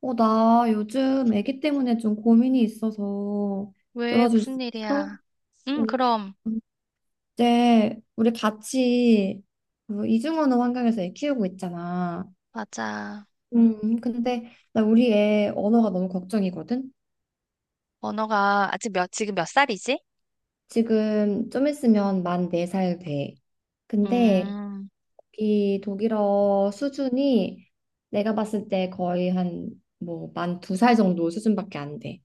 나 요즘 아기 때문에 좀 고민이 있어서 왜? 들어줄 수 무슨 있어? 일이야? 어, 그럼. 이제 우리 같이 그 이중언어 환경에서 애 키우고 있잖아. 맞아. 근데 나 우리 애 언어가 너무 걱정이거든? 언어가 아직 지금 몇 살이지? 지금 좀 있으면 만 네 살 돼. 근데 음, 이 독일어 수준이 내가 봤을 때 거의 한 뭐 만 두 살 정도 수준밖에 안 돼.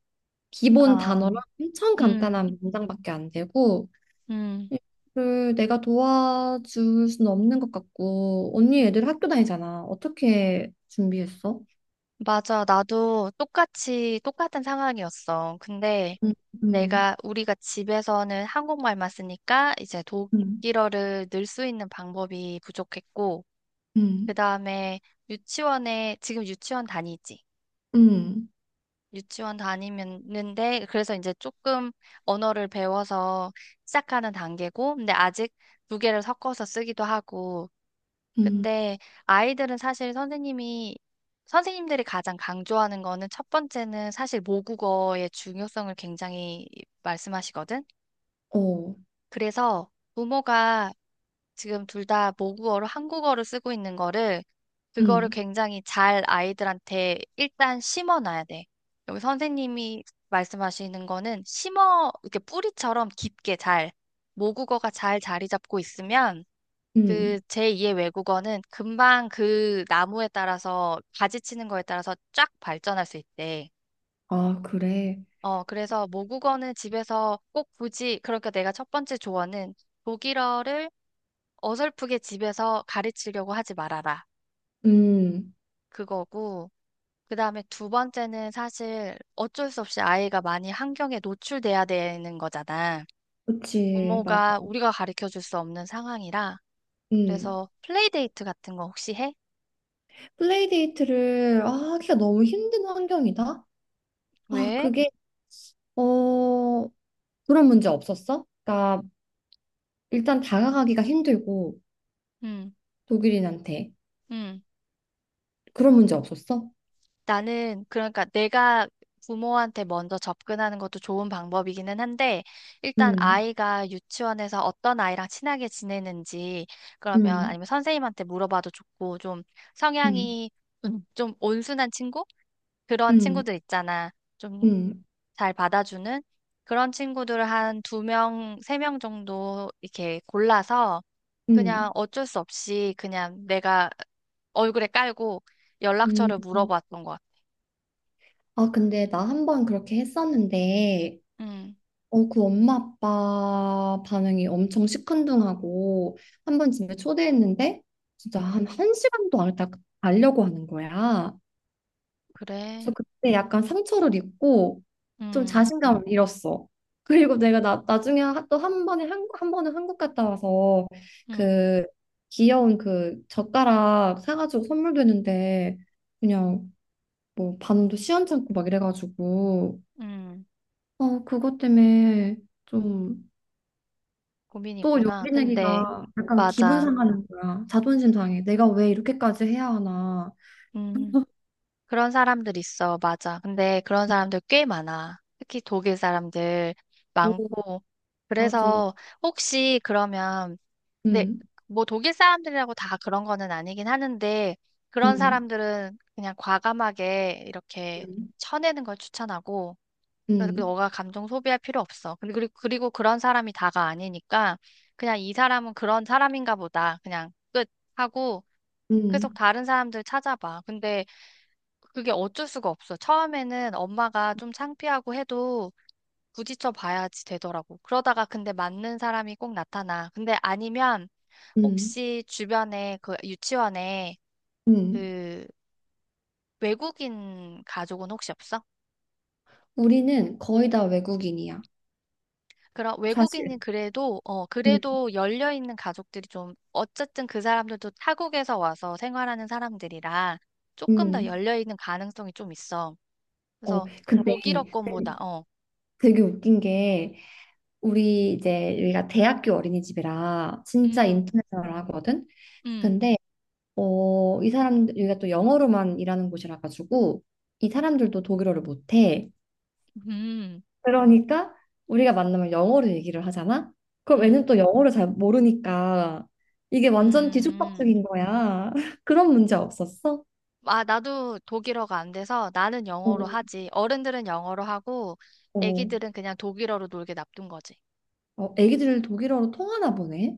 기본 아, 단어랑 엄청 음, 간단한 문장밖에 안 되고 음. 얘를 내가 도와줄 수는 없는 것 같고, 언니 애들 학교 다니잖아. 어떻게 준비했어? 맞아. 나도 똑같은 상황이었어. 근데 응, 응, 우리가 집에서는 한국말만 쓰니까 이제 응, 독일어를 늘 수 있는 방법이 부족했고, 응, 그 다음에 지금 유치원 다니지? 응, 유치원 다니는데 그래서 이제 조금 언어를 배워서 시작하는 단계고 근데 아직 두 개를 섞어서 쓰기도 하고 응. 근데 아이들은 사실 선생님이 선생님들이 가장 강조하는 거는 첫 번째는 사실 모국어의 중요성을 굉장히 말씀하시거든. 어, 그래서 부모가 지금 둘 다 모국어로 한국어를 쓰고 있는 거를 응, 그거를 굉장히 잘 아이들한테 일단 심어놔야 돼. 여기 선생님이 말씀하시는 거는 심어 이렇게 뿌리처럼 깊게 잘 모국어가 잘 자리 잡고 있으면 응. 그 제2의 외국어는 금방 그 나무에 따라서 가지치는 거에 따라서 쫙 발전할 수 있대. 아, 그래. 그래서 모국어는 집에서 꼭 굳이 그러니까 내가 첫 번째 조언은 독일어를 어설프게 집에서 가르치려고 하지 말아라. 응. 그거고. 그 다음에 두 번째는 사실 어쩔 수 없이 아이가 많이 환경에 노출돼야 되는 거잖아. 그치, 맞아. 부모가 우리가 가르쳐 줄 수 없는 상황이라. 응. 그래서 플레이데이트 같은 거 혹시 해? 플레이데이트를 하기가 너무 힘든 환경이다. 아, 왜? 그게, 어, 그런 문제 없었어? 그러니까 일단 다가가기가 힘들고 응, 독일인한테 응. 그런 문제 없었어? 나는 그러니까 내가 부모한테 먼저 접근하는 것도 좋은 방법이기는 한데 일단 음. 아이가 유치원에서 어떤 아이랑 친하게 지내는지 그러면 음, 아니면 선생님한테 물어봐도 좋고 좀 음, 성향이 좀 온순한 친구? 그런 음, 친구들 있잖아. 좀 음, 잘 받아주는 그런 친구들을 한 두 명, 세 명 정도 이렇게 골라서 그냥 음, 어쩔 수 없이 그냥 내가 얼굴에 깔고 음. 연락처를 물어봤던 것 같아. 아, 근데 나 한 번 그렇게 했었는데, 음. 그 엄마 아빠 반응이 엄청 시큰둥하고, 한 번 집에 초대했는데, 진짜 한, 한 시간도 안 있다 가려고 하는 거야. 그래. 그래서 그때 약간 상처를 입고 좀 음, 자신감을 잃었어. 그리고 내가 나중에 또 한 번은 한국 갔다 와서 음, 그 귀여운 그 젓가락 사가지고 선물도 했는데 그냥 뭐 반응도 시원찮고 막 이래가지고 음. 그것 때문에 좀 고민 또 있구나. 용기 근데, 내기가 약간 기분 맞아. 상하는 거야. 자존심 상해. 내가 왜 이렇게까지 해야 하나. 음, 그런 사람들 있어. 맞아. 근데 그런 사람들 꽤 많아. 특히 독일 사람들 오, 많고. 맞아. 그래서 혹시 그러면, 네, 응, 뭐 독일 사람들이라고 다 그런 거는 아니긴 하는데, 그런 응, 사람들은 그냥 과감하게 이렇게 응, 쳐내는 걸 추천하고, 그래서 응, 너가 감정 소비할 필요 없어. 근데 그리고 그런 사람이 다가 아니니까 그냥 이 사람은 그런 사람인가 보다. 그냥 끝 하고 계속 응, 다른 사람들 찾아봐. 근데 그게 어쩔 수가 없어. 처음에는 엄마가 좀 창피하고 해도 부딪혀 봐야지 되더라고. 그러다가 근데 맞는 사람이 꼭 나타나. 근데 아니면 응. 혹시 주변에 그 유치원에 음, 그 외국인 가족은 혹시 없어? 우리는 거의 다 외국인이야, 그럼 외국인은 사실. 그래도 음, 그래도 열려 있는 가족들이 좀 어쨌든 그 사람들도 타국에서 와서 생활하는 사람들이라 조금 더 음. 열려 있는 가능성이 좀 있어. 그래서 근데 독일어 권보다. 되게 웃긴 게 우리가 대학교 어린이집이라 진짜 음. 인터내셔널하거든. 음. 근데 이 사람 여기가 또 영어로만 일하는 곳이라 가지고 이 사람들도 독일어를 못해. 음. 그러니까 우리가 만나면 영어로 얘기를 하잖아. 그럼 음. 애는 또 영어를 잘 모르니까 이게 완전 음. 뒤죽박죽인 거야. 그런 문제 없었어? 아, 나도 독일어가 안 돼서 나는 영어로 어, 하지. 어른들은 영어로 하고 어. 애기들은 그냥 독일어로 놀게 놔둔 거지. 어, 애기들 독일어로 통하나 보네.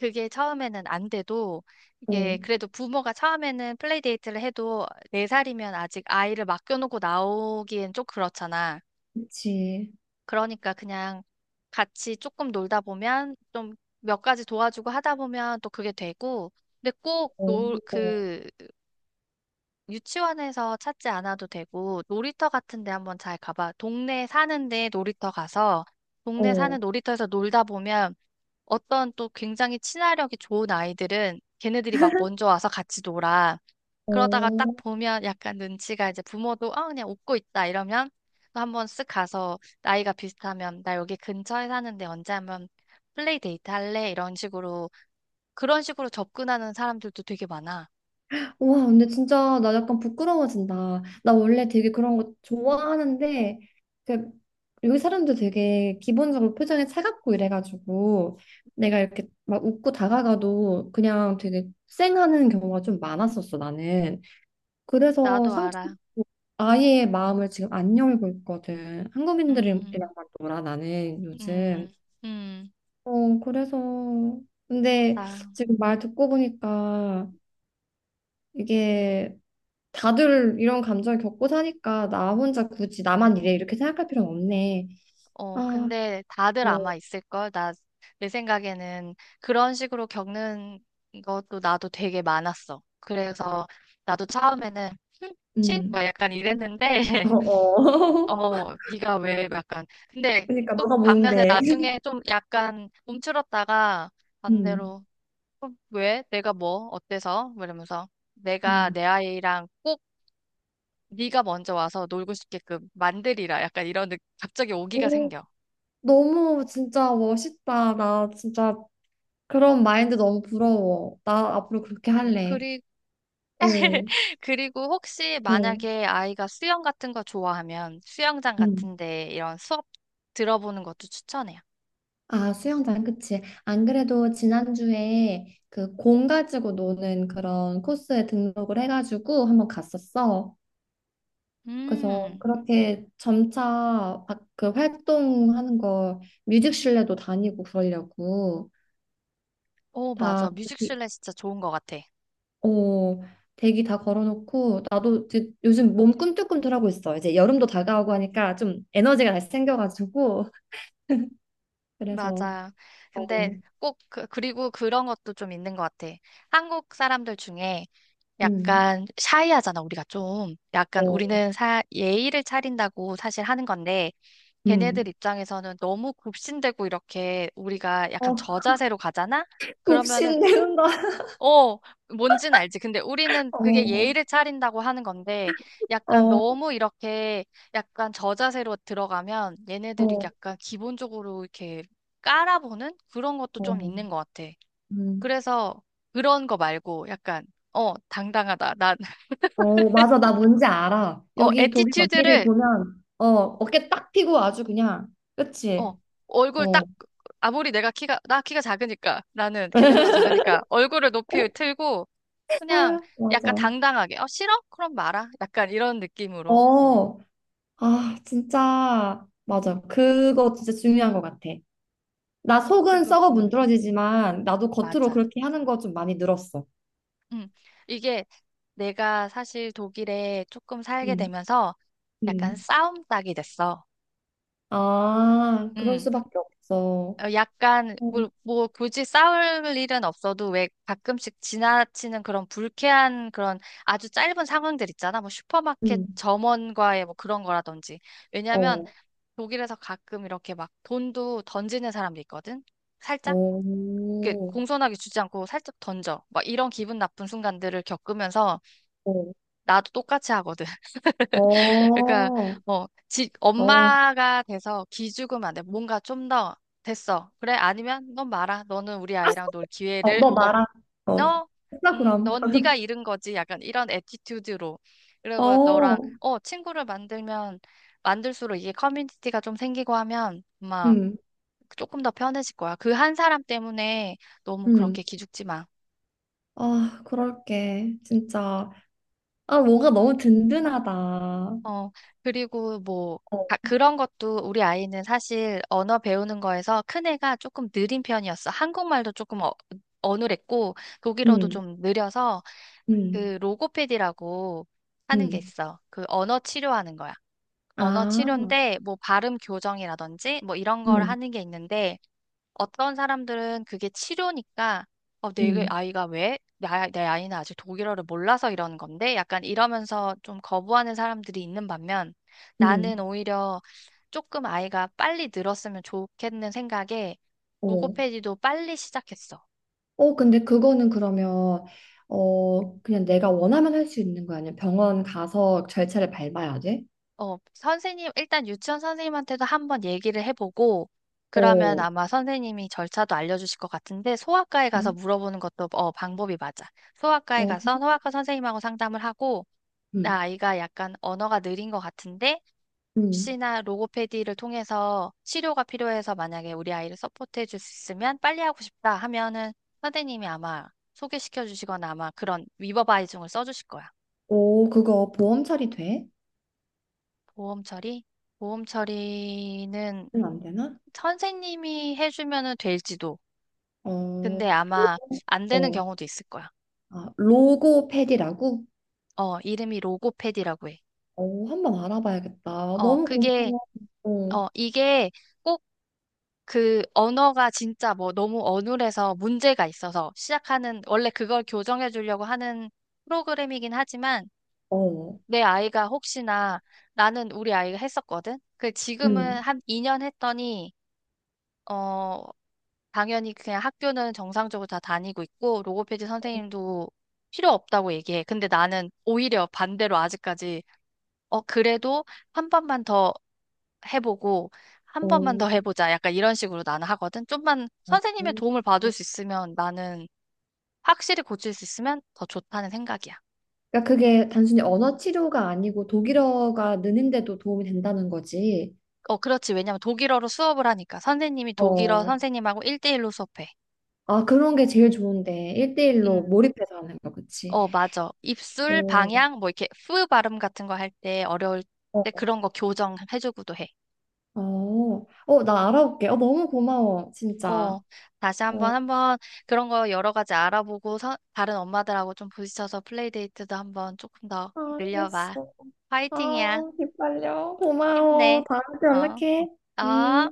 그게 처음에는 안 돼도 이게 어, 그래도 부모가 처음에는 플레이데이트를 해도 네살이면 아직 아이를 맡겨놓고 나오기엔 좀 그렇잖아. 그치. 그러니까 그냥 같이 조금 놀다 보면 좀 몇 가지 도와주고 하다 보면 또 그게 되고 근데 꼭 어, 놀, 어, 그 유치원에서 찾지 않아도 되고 놀이터 같은 데 한번 잘 가봐. 동네에 사는데 놀이터 가서 동네 사는 어. 놀이터에서 놀다 보면 어떤 또 굉장히 친화력이 좋은 아이들은 걔네들이 막 먼저 와서 같이 놀아. 그러다가 딱 어. 보면 약간 눈치가 이제 부모도 아 그냥 웃고 있다 이러면 또 한번 쓱 가서 나이가 비슷하면 나 여기 근처에 사는데 언제 한번 플레이 데이트 할래? 이런 식으로 그런 식으로 접근하는 사람들도 되게 많아. 와, 근데 진짜 나 약간 부끄러워진다. 나 원래 되게 그런 거 좋아하는데, 그, 여기 사람들 되게 기본적으로 표정이 차갑고 이래가지고, 내가 이렇게 막 웃고 다가가도 그냥 되게 쌩하는 경우가 좀 많았었어, 나는. 그래서 나도 알아. 아예 마음을 지금 안 열고 있거든. 한국인들이랑 음, 놀아, 나는 음, 요즘. 음. 그래서 근데 나 지금 말 듣고 보니까 이게 다들 이런 감정을 겪고 사니까 나 혼자 굳이 나만 이래 이렇게 생각할 필요는 없네. 아, 근데 다들 어, 아마 있을걸? 내 생각에는 그런 식으로 겪는 것도 나도 되게 많았어. 그래서 나도 처음에는 신? 음. 막 약간 이랬는데, 어, 어. 네가 왜 약간. 근데 그러니까 또 너가 반면에 뭔데? 나중에 좀 약간 움츠렀다가 음, 반대로, 왜? 내가 뭐? 어때서? 뭐 이러면서 내가 음. 내 아이랑 꼭 네가 먼저 와서 놀고 싶게끔 만들이라. 약간 이런 갑자기 오기가 오, 생겨. 너무 진짜 멋있다. 나 진짜 그런 마인드 너무 부러워. 나 앞으로 그렇게 할래. 그리 어, 그리고 혹시 어, 만약에 아이가 수영 같은 거 좋아하면 수영장 음. 같은데 이런 수업 들어보는 것도 추천해요. 아, 수영장, 그치. 안 그래도 지난주에 그 공 가지고 노는 그런 코스에 등록을 해가지고 한번 갔었어. 그래서 음, 그렇게 점차 막 그 활동하는 거 뮤직실내도 다니고 그러려고 오, 맞아. 다 뮤직실내 진짜 좋은 것 같아. 어, 대기 다 걸어놓고 나도 이제 요즘 몸 꿈틀꿈틀하고 있어. 이제 여름도 다가오고 하니까 좀 에너지가 다시 생겨가지고 그래서 맞아. 어, 근데 꼭 그리고 그런 것도 좀 있는 것 같아. 한국 사람들 중에 음, 약간 샤이하잖아, 우리가 좀. 약간 어, 우리는 예의를 차린다고 사실 하는 건데, 걔네들 음. 입장에서는 너무 굽신대고 이렇게 우리가 약간 어, 저자세로 가잖아? 그러면은 굽신대는 어, 뭔진 알지. 근데 우리는 그게 어, 예의를 차린다고 하는 건데, 약간 어, 너무 이렇게 약간 저자세로 들어가면 얘네들이 어, 약간 기본적으로 이렇게 깔아보는 그런 것도 좀 있는 어. 것 같아. 음. 그래서 그런 거 말고 약간, 당당하다. 난, 어, 맞아. 나 뭔지 알아. 여기 독일 언니를 애티튜드를, 보면, 어깨 딱 펴고 아주 그냥, 어, 그치? 얼굴 어. 딱, 아무리 내가 키가, 나 키가 작으니까, 나는 걔네보다 작으니까 얼굴을 높이 틀고, 그냥 아유, 맞아. 약간 당당하게, 싫어? 그럼 말아. 약간 이런 느낌으로. 어, 아, 진짜, 맞아. 그거 진짜 중요한 것 같아. 나 속은 그거, 썩어 문드러지지만, 나도 겉으로 맞아. 그렇게 하는 거 좀 많이 늘었어. 음, 이게 내가 사실 독일에 조금 살게 음, 되면서 약간 음. 싸움 닭이 됐어. 아, 그럴 음, 수밖에 없어. 약간, 음, 뭐, 굳이 싸울 일은 없어도 왜 가끔씩 지나치는 그런 불쾌한 그런 아주 짧은 상황들 있잖아. 뭐 슈퍼마켓 음. 점원과의 뭐 그런 거라든지. 왜냐면 어, 독일에서 가끔 이렇게 막 돈도 던지는 사람도 있거든. 살짝. 이렇게 어, 공손하게 주지 않고 살짝 던져. 막 이런 기분 나쁜 순간들을 겪으면서 어. 나도 똑같이 하거든. 어, 그러니까 어, 뭐 아, 엄마가 돼서 기죽으면 안 돼. 뭔가 좀 더 됐어. 그래? 아니면 넌 말아. 너는 우리 아이랑 놀 어, 기회를 너 없. 나랑, 어, 어 했다 그럼. 넌 네가 잃은 거지. 약간 이런 애티튜드로. 그리고 너랑 어, 친구를 만들면 만들수록 이게 커뮤니티가 좀 생기고 하면 아마 음, 조금 더 편해질 거야. 그 한 사람 때문에 너무 음. 그렇게 기죽지 마. 아, 그럴게. 진짜. 아, 뭐가 너무 든든하다. 어, 어, 그리고 뭐, 아, 그런 것도 우리 아이는 사실 언어 배우는 거에서 큰애가 조금 느린 편이었어. 한국말도 조금 어눌했고, 독일어도 음, 좀 느려서 음, 그 로고패디라고 하는 게 음. 있어. 그 언어 치료하는 거야. 언어 아, 치료인데, 뭐 발음 교정이라든지 뭐 이런 걸 음, 하는 게 있는데, 어떤 사람들은 그게 치료니까 내 음, 아이가 왜? 내 아이는 아직 독일어를 몰라서 이러는 건데 약간 이러면서 좀 거부하는 사람들이 있는 반면 나는 음. 오히려 조금 아이가 빨리 늘었으면 좋겠는 생각에 어. 로고페디도 빨리 시작했어. 어, 근데 그거는 그러면, 그냥 내가 원하면 할 수 있는 거 아니야? 병원 가서 절차를 밟아야 돼? 일단 유치원 선생님한테도 한번 얘기를 해보고 그러면 어, 아마 선생님이 절차도 알려주실 것 같은데 소아과에 가서 음. 물어보는 것도 방법이 맞아. 소아과에 어, 가서 소아과 선생님하고 상담을 하고 음, 나 아이가 약간 언어가 느린 것 같은데 음. 혹시나 로고페디를 통해서 치료가 필요해서 만약에 우리 아이를 서포트해 줄 수 있으면 빨리 하고 싶다 하면은 선생님이 아마 소개시켜 주시거나 아마 그런 위버바이징을 써 주실 거야. 오, 그거 보험 처리 돼? 보험 처리? 보험 처리는 는안 되나? 선생님이 해주면은 될지도. 어, 근데 로, 아마 안 되는 어, 경우도 있을 거야. 아, 로고패디라고? 이름이 로고페디라고 해. 어, 한번 알아봐야겠다. 어, 너무 그게, 고마워. 어, 이게 그 언어가 진짜 뭐 너무 어눌해서 문제가 있어서 시작하는, 원래 그걸 교정해 주려고 하는 프로그램이긴 하지만 어, 내 아이가 혹시나 나는 우리 아이가 했었거든? 그 지금은 음, 한 2년 했더니, 어, 당연히 그냥 학교는 정상적으로 다 다니고 있고 로고페디 선생님도 필요 없다고 얘기해. 근데 나는 오히려 반대로 아직까지 그래도 한 번만 더 해보고 한 번만 어, 더 해보자. 약간 이런 식으로 나는 하거든. 좀만 어. 선생님의 도움을 받을 수 있으면 나는 확실히 고칠 수 있으면 더 좋다는 생각이야. 그러니까 그게 단순히 언어 치료가 아니고 독일어가 느는데도 도움이 된다는 거지. 그렇지. 왜냐면 독일어로 수업을 하니까 선생님이 독일어 어, 선생님하고 1대1로 수업해. 아, 그런 게 제일 좋은데. 일대일로 음. 몰입해서 하는 거, 그치? 맞아. 입술, 어, 방향, 뭐 이렇게 푸 발음 같은 거 할 때 어려울 때 어, 그런 거 교정해주고도 해. 어, 어, 나 알아볼게. 어, 너무 고마워, 진짜. 어, 다시 어, 한번 한번 그런 거 여러 가지 알아보고 다른 엄마들하고 좀 부딪혀서 플레이데이트도 한번 조금 더 늘려봐. 알겠어. 화이팅이야. 아, 기빨려. 고마워. 힘내. 다음에 또 어, 연락해. 어. 음.